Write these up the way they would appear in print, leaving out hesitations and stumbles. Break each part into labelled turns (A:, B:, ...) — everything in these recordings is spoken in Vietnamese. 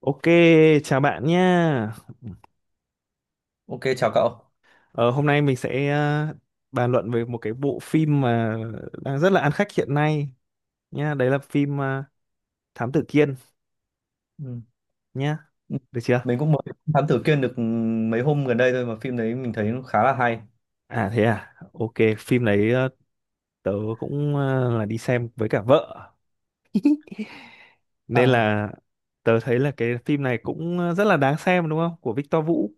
A: Ok, chào bạn nha.
B: Ok, chào cậu.
A: Ờ, Hôm nay mình sẽ bàn luận về một cái bộ phim mà đang rất là ăn khách hiện nay nha. Đấy là phim Thám Tử Kiên
B: Ừ.
A: nha.
B: Ừ.
A: Được chưa?
B: Mình cũng mới Thám Tử Kiên được mấy hôm gần đây thôi mà phim đấy mình thấy nó khá là hay.
A: À, thế à. Ok, phim đấy tớ cũng là đi xem với cả vợ. Nên
B: À,
A: là tớ thấy là cái phim này cũng rất là đáng xem đúng không? Của Victor Vũ.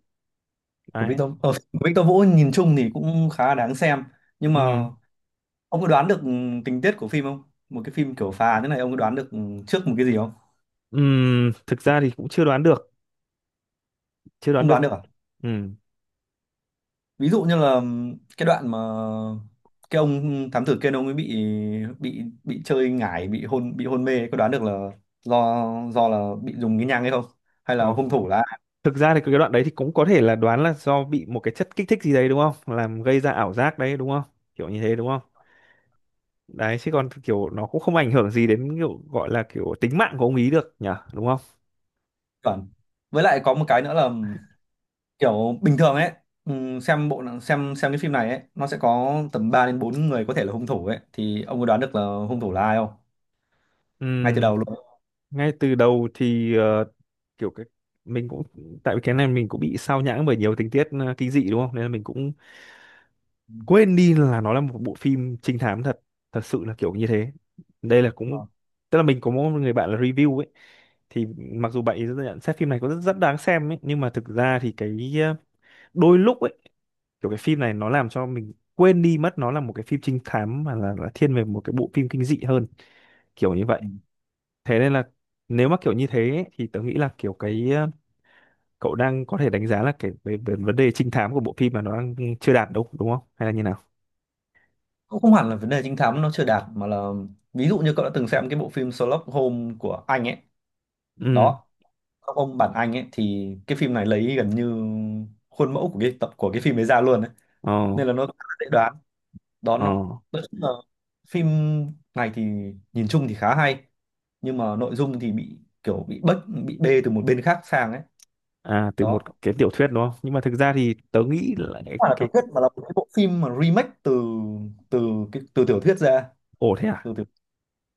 B: Của
A: Đấy.
B: Victor, ờ, của Victor Vũ nhìn chung thì cũng khá là đáng xem. Nhưng mà
A: Ừm,
B: ông có đoán được tình tiết của phim không? Một cái phim kiểu phá án thế này ông có đoán được trước một cái gì không?
A: Thực ra thì cũng chưa đoán được. Chưa đoán
B: Không đoán
A: được.
B: được à?
A: Ừm,
B: Ví dụ như là cái đoạn mà cái ông thám tử Kiên ông ấy bị chơi ngải, bị hôn mê ấy, có đoán được là do do là bị dùng cái nhang hay không? Hay là
A: Có.
B: hung thủ là
A: Thực ra thì cái đoạn đấy thì cũng có thể là đoán là do bị một cái chất kích thích gì đấy đúng không? Làm gây ra ảo giác đấy đúng không? Kiểu như thế đúng không? Đấy, chứ còn kiểu nó cũng không ảnh hưởng gì đến kiểu gọi là kiểu tính mạng của ông ý được nhỉ, đúng không?
B: chuẩn. Với lại có một cái nữa là kiểu bình thường ấy, xem bộ xem cái phim này ấy nó sẽ có tầm 3 đến 4 người có thể là hung thủ ấy, thì ông có đoán được là hung thủ là ai không, ngay từ
A: Ừm,
B: đầu luôn?
A: Ngay từ đầu thì kiểu cái mình cũng, tại vì cái này mình cũng bị sao nhãng bởi nhiều tình tiết kinh dị đúng không? Nên là mình cũng
B: Ừ.
A: quên đi là nó là một bộ phim trinh thám thật thật sự là kiểu như thế. Đây là cũng
B: Ờ.
A: tức là mình có một người bạn là review ấy, thì mặc dù bạn ấy nhận xét phim này có rất, rất đáng xem ấy nhưng mà thực ra thì cái đôi lúc ấy kiểu cái phim này nó làm cho mình quên đi mất nó là một cái phim trinh thám mà là thiên về một cái bộ phim kinh dị hơn, kiểu như vậy.
B: Ừ.
A: Thế nên là nếu mà kiểu như thế ấy, thì tớ nghĩ là kiểu cái cậu đang có thể đánh giá là cái về vấn đề trinh thám của bộ phim mà nó đang chưa đạt đâu đúng không, hay là như nào.
B: Cũng không hẳn là vấn đề trinh thám nó chưa đạt, mà là ví dụ như cậu đã từng xem cái bộ phim Sherlock Holmes của Anh ấy
A: Ừ.
B: đó. Sherlock Holmes bản Anh ấy thì cái phim này lấy gần như khuôn mẫu của cái tập của cái phim ấy ra luôn ấy,
A: Ờ.
B: nên là nó khá là dễ đoán. Đó
A: Ờ.
B: nó, nói chung là phim này thì nhìn chung thì khá hay, nhưng mà nội dung thì bị kiểu bị bê từ một bên khác sang ấy.
A: À, từ
B: Đó
A: một
B: không
A: cái tiểu thuyết đúng không? Nhưng mà thực ra thì tớ nghĩ là cái,
B: phải là
A: cái...
B: tiểu thuyết mà là một cái bộ phim mà remake từ từ cái từ tiểu thuyết ra,
A: Ồ, thế à?
B: từ tiểu,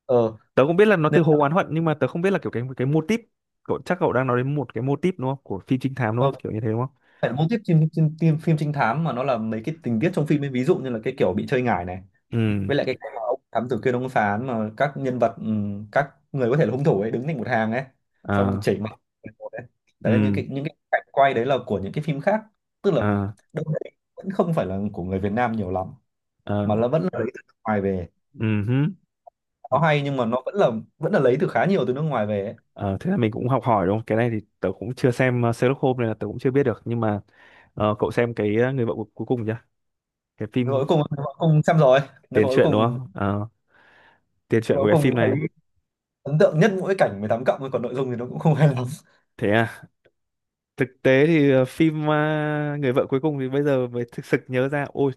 B: ờ
A: Tớ không biết là nó từ
B: nên
A: Hồ
B: là,
A: Oán Hận nhưng mà tớ không biết là kiểu cái mô típ, cậu chắc cậu đang nói đến một cái mô típ đúng không? Của phim trinh thám đúng
B: ờ,
A: không? Kiểu như thế đúng không?
B: phải là mô típ phim, phim, phim phim trinh thám, mà nó là mấy cái tình tiết trong phim ấy, ví dụ như là cái kiểu bị chơi ngải này,
A: Ừ.
B: với lại cái cách mà ông thám tử kia ông phán mà các nhân vật, các người có thể là hung thủ ấy đứng thành một hàng ấy, xong
A: Ờ.
B: chảy mặt một ấy. Đấy là những
A: Ừ.
B: cái những cái cảnh quay đấy là của những cái phim khác. Tức là
A: Ờ.
B: đâu đấy vẫn không phải là của người Việt Nam nhiều lắm, mà
A: Ờ.
B: là vẫn là lấy từ nước ngoài về.
A: Ừ hứ.
B: Nó hay nhưng mà nó vẫn là lấy từ khá nhiều từ nước ngoài về ấy.
A: Ờ, thế là mình cũng học hỏi đúng không? Cái này thì tớ cũng chưa xem Sherlock Holmes nên là tớ cũng chưa biết được nhưng mà cậu xem cái người vợ cuối cùng chưa? Cái
B: Người
A: phim
B: cuối cùng người cuối cùng xem rồi rồi
A: tiền
B: cuối
A: truyện đúng
B: cùng.
A: không? Ờ, tiền
B: Người
A: truyện
B: cuối
A: của cái
B: cùng
A: phim
B: thấy
A: này.
B: ấn tượng nhất mỗi cảnh 18+ cộng, còn nội dung thì nó cũng không hay lắm.
A: Thế à? Thực tế thì phim người vợ cuối cùng thì bây giờ mới thực sự nhớ ra, ôi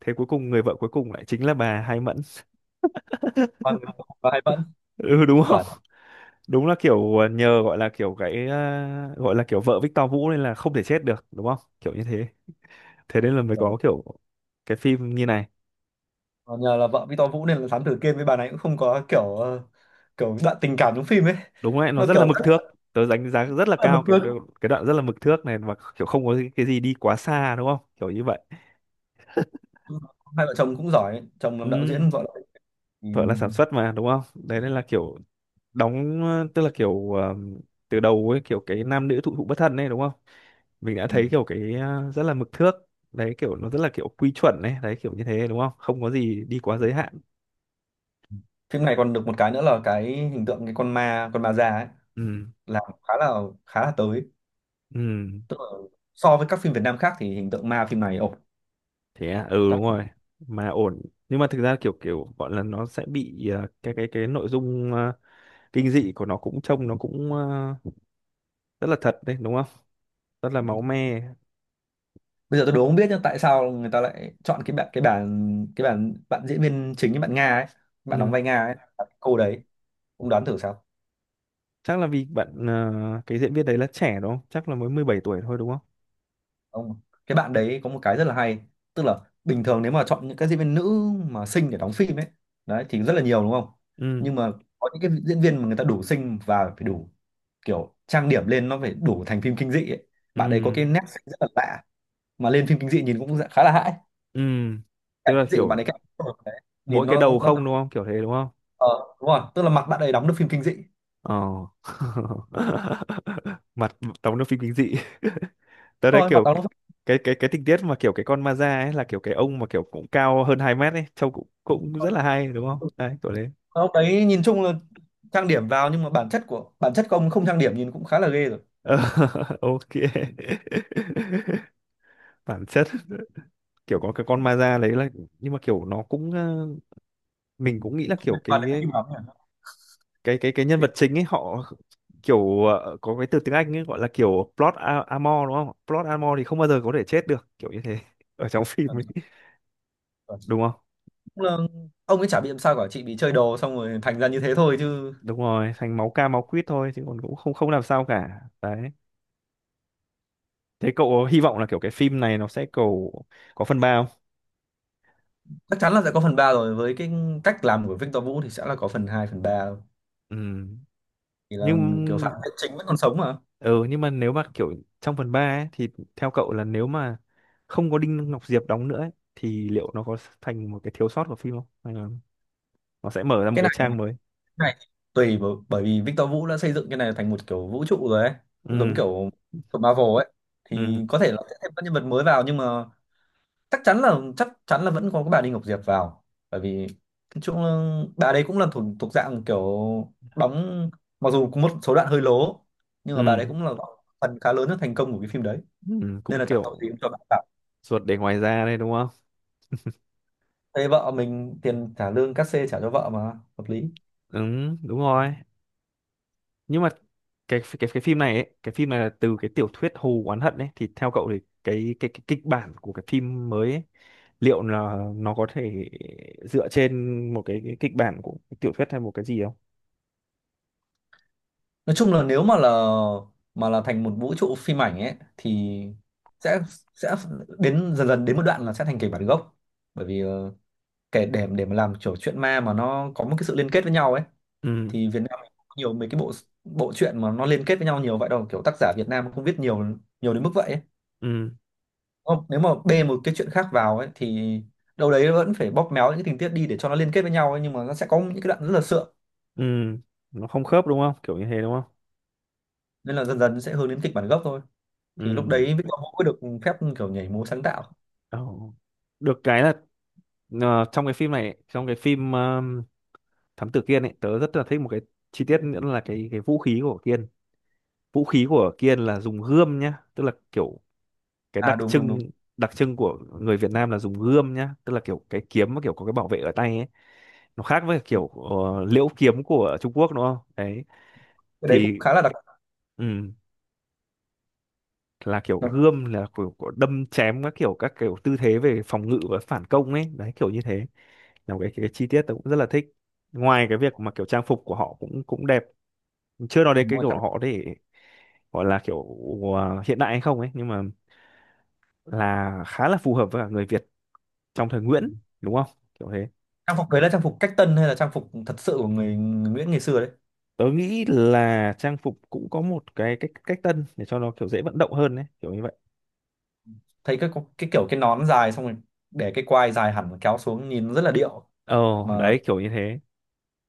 A: thế cuối cùng người vợ cuối cùng lại chính là bà Hai Mẫn
B: Và, và hay vẫn
A: ừ, đúng không.
B: chuẩn.
A: Đúng là kiểu nhờ gọi là kiểu cái gọi là kiểu vợ Victor Vũ nên là không thể chết được đúng không, kiểu như thế. Thế nên là mới có kiểu cái phim như này.
B: Ờ, nhờ là vợ Victor Vũ nên là thám tử Kiên với bà này cũng không có kiểu, kiểu đoạn tình cảm trong phim ấy.
A: Đúng đấy, nó
B: Nó
A: rất
B: kiểu
A: là mực
B: rất
A: thước. Tớ đánh giá rất là
B: là một
A: cao cái
B: người,
A: cái đoạn rất là mực thước này, và kiểu không có cái gì đi quá xa đúng không kiểu như vậy.
B: hai vợ chồng cũng giỏi, chồng làm đạo
A: Ừ.
B: diễn, vợ là. Ừ.
A: Vợ là sản xuất mà đúng không, đấy nên là kiểu đóng tức là kiểu từ đầu ấy kiểu cái nam nữ thụ thụ bất thân ấy đúng không, mình đã
B: Ừ.
A: thấy kiểu cái rất là mực thước. Đấy kiểu nó rất là kiểu quy chuẩn ấy đấy kiểu như thế đúng không, không có gì đi quá giới hạn.
B: Phim này còn được một cái nữa là cái hình tượng cái con ma già ấy
A: Ừ.
B: là khá là tới.
A: Ừ.
B: Tức là so với các phim Việt Nam khác thì hình tượng ma phim này ổn.
A: Thế à, ừ, đúng rồi.
B: Các-
A: Mà ổn, nhưng mà thực ra kiểu kiểu gọi là nó sẽ bị cái cái nội dung kinh dị của nó cũng trông nó cũng rất là thật đấy đúng không, rất là máu me.
B: Bây giờ tôi đố không biết nhưng tại sao người ta lại chọn cái bạn cái bạn cái bạn bạn diễn viên chính, cái bạn Nga ấy, bạn đóng
A: Ừ,
B: vai Nga ấy, cô đấy, ông đoán thử sao?
A: chắc là vì bạn cái diễn viên đấy là trẻ đúng không, chắc là mới 17 tuổi thôi đúng không.
B: Ông cái bạn đấy có một cái rất là hay, tức là bình thường nếu mà chọn những các diễn viên nữ mà xinh để đóng phim ấy, đấy thì rất là nhiều đúng không?
A: Ừ.
B: Nhưng mà có những cái diễn viên mà người ta đủ xinh và phải đủ kiểu trang điểm lên nó phải đủ thành phim kinh dị ấy.
A: Ừ.
B: Bạn đấy có cái nét xinh rất là lạ mà lên phim kinh dị nhìn cũng khá là hãi.
A: Ừ, tức
B: Cảnh
A: là
B: kinh dị của bạn
A: kiểu
B: ấy, cảnh đấy.
A: mỗi
B: Nhìn
A: cái
B: nó
A: đầu
B: nó
A: không đúng không? Kiểu thế đúng không?
B: ờ, đúng rồi, tức là mặt bạn ấy đóng được phim kinh dị.
A: Ờ. Mặt đóng trong phim kinh dị. Tớ thấy
B: Thôi mặt
A: kiểu
B: đóng được phim
A: cái cái tình tiết mà kiểu cái con ma da ấy là kiểu cái ông mà kiểu cũng cao hơn 2 mét ấy, trông cũng cũng
B: thôi.
A: rất là hay đúng không?
B: Ừ.
A: Đấy, kiểu thế.
B: Ông đấy nhìn chung là trang điểm vào, nhưng mà bản chất của ông không trang điểm nhìn cũng khá là ghê rồi.
A: Ờ, ok. Bản chất kiểu có cái con ma da đấy là, nhưng mà kiểu nó cũng mình cũng nghĩ là
B: Không
A: kiểu
B: liên quan đến cái
A: cái
B: phim lắm nhỉ.
A: cái cái cái nhân
B: Cái-
A: vật chính ấy họ kiểu có cái từ tiếng Anh ấy gọi là kiểu plot armor đúng không? Plot armor thì không bao giờ có thể chết được, kiểu như thế ở trong phim
B: cảm
A: ấy,
B: tưởng của-
A: đúng không?
B: Cũng là ông ấy chả bị làm sao cả, chị bị chơi đồ xong rồi thành ra như thế thôi chứ.
A: Đúng rồi, thành máu ca máu quýt thôi chứ còn cũng không không làm sao cả. Đấy. Thế cậu có hy vọng là kiểu cái phim này nó sẽ cầu có phần 3 không?
B: Chắc chắn là sẽ có phần 3 rồi, với cái cách làm của Victor Vũ thì sẽ là có phần 2 phần ba,
A: Ừ.
B: thì là kiểu phản
A: Nhưng
B: diện chính vẫn còn sống mà.
A: ừ nhưng mà nếu mà kiểu trong phần 3 ấy thì theo cậu là nếu mà không có Đinh Ngọc Diệp đóng nữa ấy, thì liệu nó có thành một cái thiếu sót của phim không? Hay là nó sẽ mở ra một
B: cái
A: cái
B: này cái
A: trang mới?
B: này thì tùy, bởi vì Victor Vũ đã xây dựng cái này thành một kiểu vũ trụ rồi ấy, giống
A: Ừ.
B: kiểu của Marvel ấy, thì
A: Ừ.
B: có thể là sẽ thêm các nhân vật mới vào, nhưng mà chắc chắn là vẫn có cái bà Đinh Ngọc Diệp vào, bởi vì nói chung là bà đấy cũng là thuộc thuộc dạng kiểu đóng, mặc dù có một số đoạn hơi lố, nhưng mà bà đấy
A: Ừ.
B: cũng là phần khá lớn nhất thành công của cái phim đấy,
A: Ừ,
B: nên
A: cũng
B: là chẳng tội
A: kiểu
B: gì cũng cho bà cả.
A: ruột để ngoài da đây đúng không?
B: Thế vợ mình, tiền trả lương cát xê trả cho vợ mà, hợp lý.
A: Ừ, đúng rồi. Nhưng mà cái phim này ấy, cái phim này là từ cái tiểu thuyết Hù Oán Hận ấy thì theo cậu thì cái kịch bản của cái phim mới ấy, liệu là nó có thể dựa trên một cái kịch bản của cái tiểu thuyết hay một cái gì không?
B: Nói chung là nếu mà là thành một vũ trụ phim ảnh ấy, thì sẽ sẽ đến dần dần đến một đoạn là sẽ thành kịch bản gốc, bởi vì, kể để mà làm kiểu chuyện ma mà nó có một cái sự liên kết với nhau ấy,
A: Ừ.
B: thì Việt Nam mình cũng nhiều mấy cái bộ bộ truyện mà nó liên kết với nhau nhiều vậy đâu, kiểu tác giả Việt Nam không viết nhiều nhiều đến mức vậy ấy.
A: Ừ.
B: Không, nếu mà bê một cái chuyện khác vào ấy thì đâu đấy vẫn phải bóp méo những cái tình tiết đi để cho nó liên kết với nhau ấy, nhưng mà nó sẽ có những cái đoạn rất là sượng,
A: Ừ, nó không khớp đúng không? Kiểu như thế đúng không?
B: nên là dần dần sẽ hướng đến kịch bản gốc thôi, thì lúc đấy
A: Ừ.
B: Victor Vũ mới được phép kiểu nhảy múa sáng tạo.
A: Ồ. Được cái là trong cái phim này, trong cái phim thám tử Kiên ấy tớ rất là thích một cái chi tiết nữa là cái vũ khí của Kiên. Vũ khí của Kiên là dùng gươm nhá, tức là kiểu cái đặc
B: À đúng đúng
A: trưng
B: đúng.
A: đặc trưng của người Việt Nam là dùng gươm nhá, tức là kiểu cái kiếm mà kiểu có cái bảo vệ ở tay ấy, nó khác với
B: Ừ.
A: kiểu liễu kiếm của Trung Quốc đúng không. Đấy
B: Cái đấy cũng
A: thì
B: khá là đặc,
A: ừ, là kiểu
B: đặc-
A: gươm là kiểu đâm chém các kiểu tư thế về phòng ngự và phản công ấy đấy kiểu như thế, là một cái chi tiết tôi cũng rất là thích, ngoài cái việc mà kiểu trang phục của họ cũng cũng đẹp, chưa nói đến
B: đúng
A: cái
B: rồi, trang
A: kiểu họ để gọi là kiểu hiện đại hay không ấy nhưng mà là khá là phù hợp với cả người Việt trong thời Nguyễn đúng không kiểu thế.
B: trang phục đấy là trang phục cách tân hay là trang phục thật sự của người Nguyễn ngày xưa đấy.
A: Tớ nghĩ là trang phục cũng có một cái cách cách tân để cho nó kiểu dễ vận động hơn đấy kiểu như vậy.
B: Thấy cái kiểu cái nón dài xong rồi để cái quai dài hẳn kéo xuống nhìn rất là điệu
A: Ờ,
B: mà
A: đấy kiểu như thế,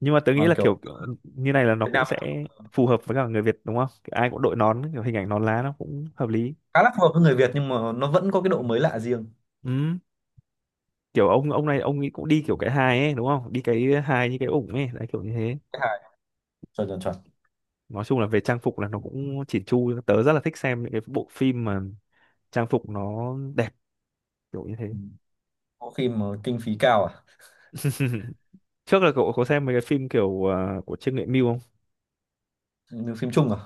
A: nhưng mà tớ nghĩ
B: mà
A: là
B: kiểu
A: kiểu như này là nó
B: Việt
A: cũng
B: Nam
A: sẽ phù hợp với cả người Việt đúng không, kiểu ai cũng đội nón kiểu hình ảnh nón lá nó cũng hợp lý.
B: khá là phù hợp với người Việt, nhưng mà nó vẫn có cái độ mới lạ riêng.
A: Ừ, kiểu ông này ông ấy cũng đi kiểu cái hài ấy đúng không, đi cái hài như cái ủng ấy đấy kiểu như thế.
B: Cái hài chuẩn, chuẩn, chuẩn.
A: Nói chung là về trang phục là nó cũng chỉn chu, tớ rất là thích xem những cái bộ phim mà trang phục nó đẹp kiểu như thế.
B: Ừ. Có phim mà kinh phí cao à?
A: Trước là cậu có xem mấy cái phim kiểu của Trương Nghệ Mưu không?
B: Như phim Trung à?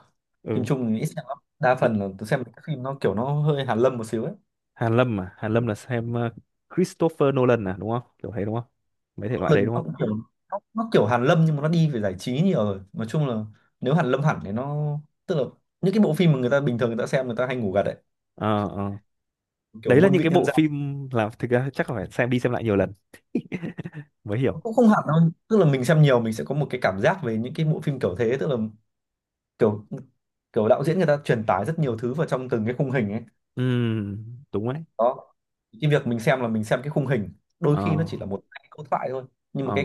B: Phim
A: Ừ.
B: Trung thì ít xem lắm, đa
A: Ý-
B: phần là tôi xem cái phim nó kiểu nó hơi Hàn Lâm một xíu ấy.
A: Hàn Lâm à? Hàn Lâm là xem Christopher Nolan à đúng không kiểu thế đúng không, mấy thể loại
B: Nolan
A: đấy đúng
B: nó
A: không.
B: cũng kiểu, nó kiểu Hàn Lâm nhưng mà nó đi về giải trí nhiều rồi, nói chung là nếu Hàn Lâm hẳn thì nó, tức là những cái bộ phim mà người ta bình thường người ta xem người ta hay ngủ gật đấy.
A: Ờ. Ờ.
B: Kiểu
A: Đấy là
B: muôn
A: những
B: vị
A: cái
B: nhân
A: bộ
B: gian.
A: phim, là thực ra chắc là phải xem đi xem lại nhiều lần mới
B: Nó
A: hiểu.
B: cũng không hẳn đâu, tức là mình xem nhiều mình sẽ có một cái cảm giác về những cái bộ phim kiểu thế, tức là kiểu kiểu đạo diễn người ta truyền tải rất nhiều thứ vào trong từng cái khung hình ấy.
A: Ừ, đúng đấy.
B: Đó, cái việc mình xem là mình xem cái khung hình, đôi
A: Ờ.
B: khi nó chỉ là một hai câu thoại thôi, nhưng mà
A: Ờ.
B: cái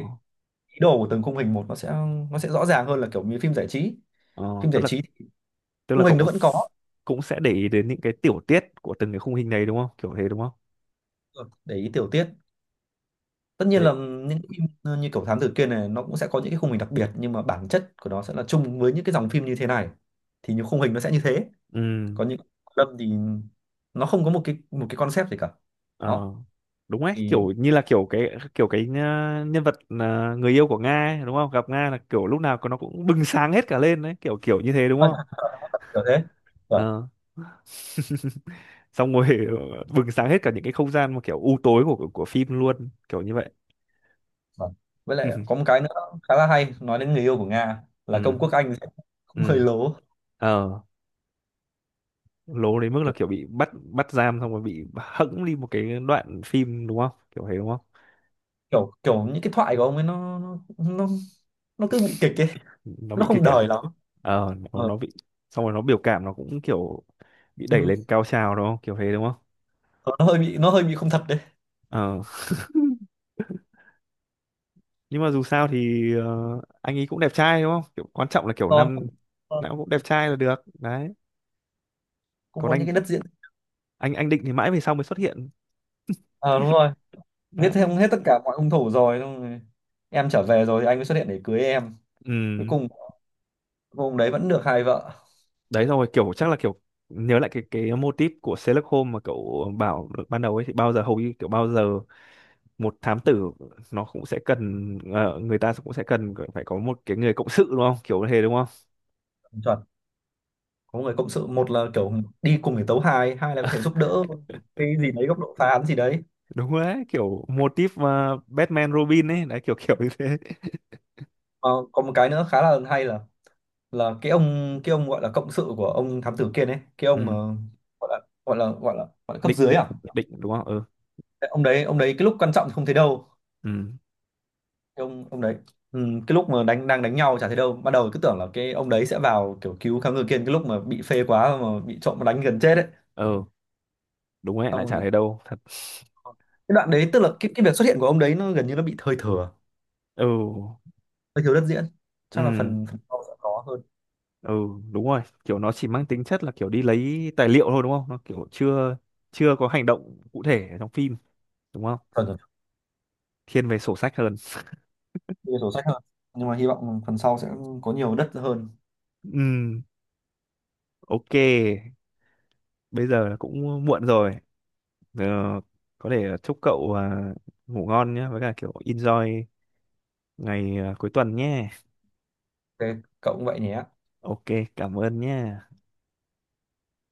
B: ý đồ của từng khung hình một nó sẽ rõ ràng hơn là kiểu như phim giải trí.
A: Ờ.
B: Phim
A: tức
B: giải
A: là
B: trí thì
A: tức là
B: khung hình
A: cậu
B: nó
A: cũng
B: vẫn có.
A: cũng sẽ để ý đến những cái tiểu tiết của từng cái khung hình đấy đúng không kiểu thế đúng không?
B: Ừ, để ý tiểu tiết. Tất nhiên
A: Thế.
B: là những phim như kiểu Thám Tử Kiên này nó cũng sẽ có những cái khung hình đặc biệt, nhưng mà bản chất của nó sẽ là chung với những cái dòng phim như thế này, thì những khung hình nó sẽ như thế.
A: Ừ.
B: Còn những Lâm thì nó không có một cái concept gì cả.
A: Ờ,
B: Đó
A: đúng đấy,
B: thì,
A: kiểu như là kiểu cái nhân vật người yêu của Nga ấy, đúng không, gặp Nga là kiểu lúc nào nó cũng bừng sáng hết cả lên đấy kiểu kiểu như thế đúng
B: ôi,
A: không.
B: thật sự nó thật kiểu thế. Vâng,
A: Ờ. Xong rồi bừng sáng hết cả những cái không gian mà kiểu u tối của phim luôn kiểu như vậy.
B: vâng. Với lại có một cái nữa khá là hay, nói đến người yêu của Nga là
A: Ừ.
B: công quốc Anh
A: Ừ.
B: cũng hơi lố.
A: Ờ, lố đến mức là
B: kiểu
A: kiểu bị bắt bắt giam xong rồi bị hẫng đi một cái đoạn phim đúng không kiểu thế đúng không.
B: kiểu kiểu những cái thoại của ông ấy nó cứ bị kịch ấy,
A: Nó
B: nó
A: bị
B: không
A: kích
B: đời
A: à?
B: lắm.
A: Ờ, nó,
B: Ờ.
A: nó bị, xong rồi nó biểu cảm nó cũng kiểu bị đẩy
B: Ừ.
A: lên cao trào đúng không kiểu thế đúng không.
B: Ờ, nó hơi bị không thật đấy.
A: Ờ. Nhưng mà dù sao thì anh ấy cũng đẹp trai đúng không, kiểu quan trọng là kiểu
B: Rồi,
A: năm
B: ờ,
A: nào cũng đẹp trai là được đấy.
B: cũng
A: Còn
B: có những
A: anh
B: cái đất diễn.
A: anh Định thì mãi về sau mới xuất hiện.
B: Ờ đúng rồi, giết thêm
A: Đấy.
B: hết tất cả mọi hung thủ rồi, xong rồi em trở về rồi thì anh mới xuất hiện để cưới em. Cuối
A: Ừ,
B: cùng ông đấy vẫn được hai vợ.
A: đấy xong rồi kiểu chắc là kiểu nhớ lại cái mô típ của Sherlock Holmes mà cậu bảo được ban đầu ấy, thì bao giờ hầu như kiểu bao giờ một thám tử nó cũng sẽ cần người ta cũng sẽ cần phải có một cái người cộng sự đúng không kiểu thế đúng không.
B: Chuẩn. Có người cộng sự, một là kiểu đi cùng để tấu hài, hai là có thể giúp đỡ một cái gì đấy góc độ phá án gì đấy.
A: Đúng đấy, kiểu mô típ mà Batman Robin ấy đấy kiểu kiểu như thế.
B: Ờ, còn một cái nữa khá là hay là, cái ông gọi là cộng sự của ông thám tử kia đấy, cái ông mà
A: Ừ.
B: gọi là gọi là cấp
A: định
B: dưới
A: định
B: à.
A: định đúng không. Ừ.
B: Cái ông đấy cái lúc quan trọng thì không thấy đâu,
A: Ừ.
B: cái ông đấy. Ừ, cái lúc mà đang đánh nhau chả thấy đâu, ban đầu cứ tưởng là cái ông đấy sẽ vào kiểu cứu thám tử kia cái lúc mà bị phê quá mà bị trộm đánh gần chết ấy.
A: Ừ, đúng đấy, lại
B: Xong
A: chả
B: rồi
A: thấy đâu thật.
B: cái đoạn đấy, tức là cái việc xuất hiện của ông đấy nó gần như nó bị thời thừa,
A: Ừ.
B: hơi thiếu đất diễn. Chắc là
A: Ừ.
B: phần phần sau sẽ có hơn,
A: Ừ, đúng rồi kiểu nó chỉ mang tính chất là kiểu đi lấy tài liệu thôi đúng không, nó kiểu chưa chưa có hành động cụ thể ở trong phim đúng không,
B: phần
A: thiên về sổ sách hơn.
B: nhiều sổ sách hơn, nhưng mà hy vọng phần sau sẽ có nhiều đất hơn.
A: Ừ, ok, bây giờ là cũng muộn rồi. Ờ, có thể chúc cậu à, ngủ ngon nhé với cả kiểu enjoy ngày à, cuối tuần nhé.
B: Thế cậu cũng vậy nhé.
A: Ok, cảm ơn nhé.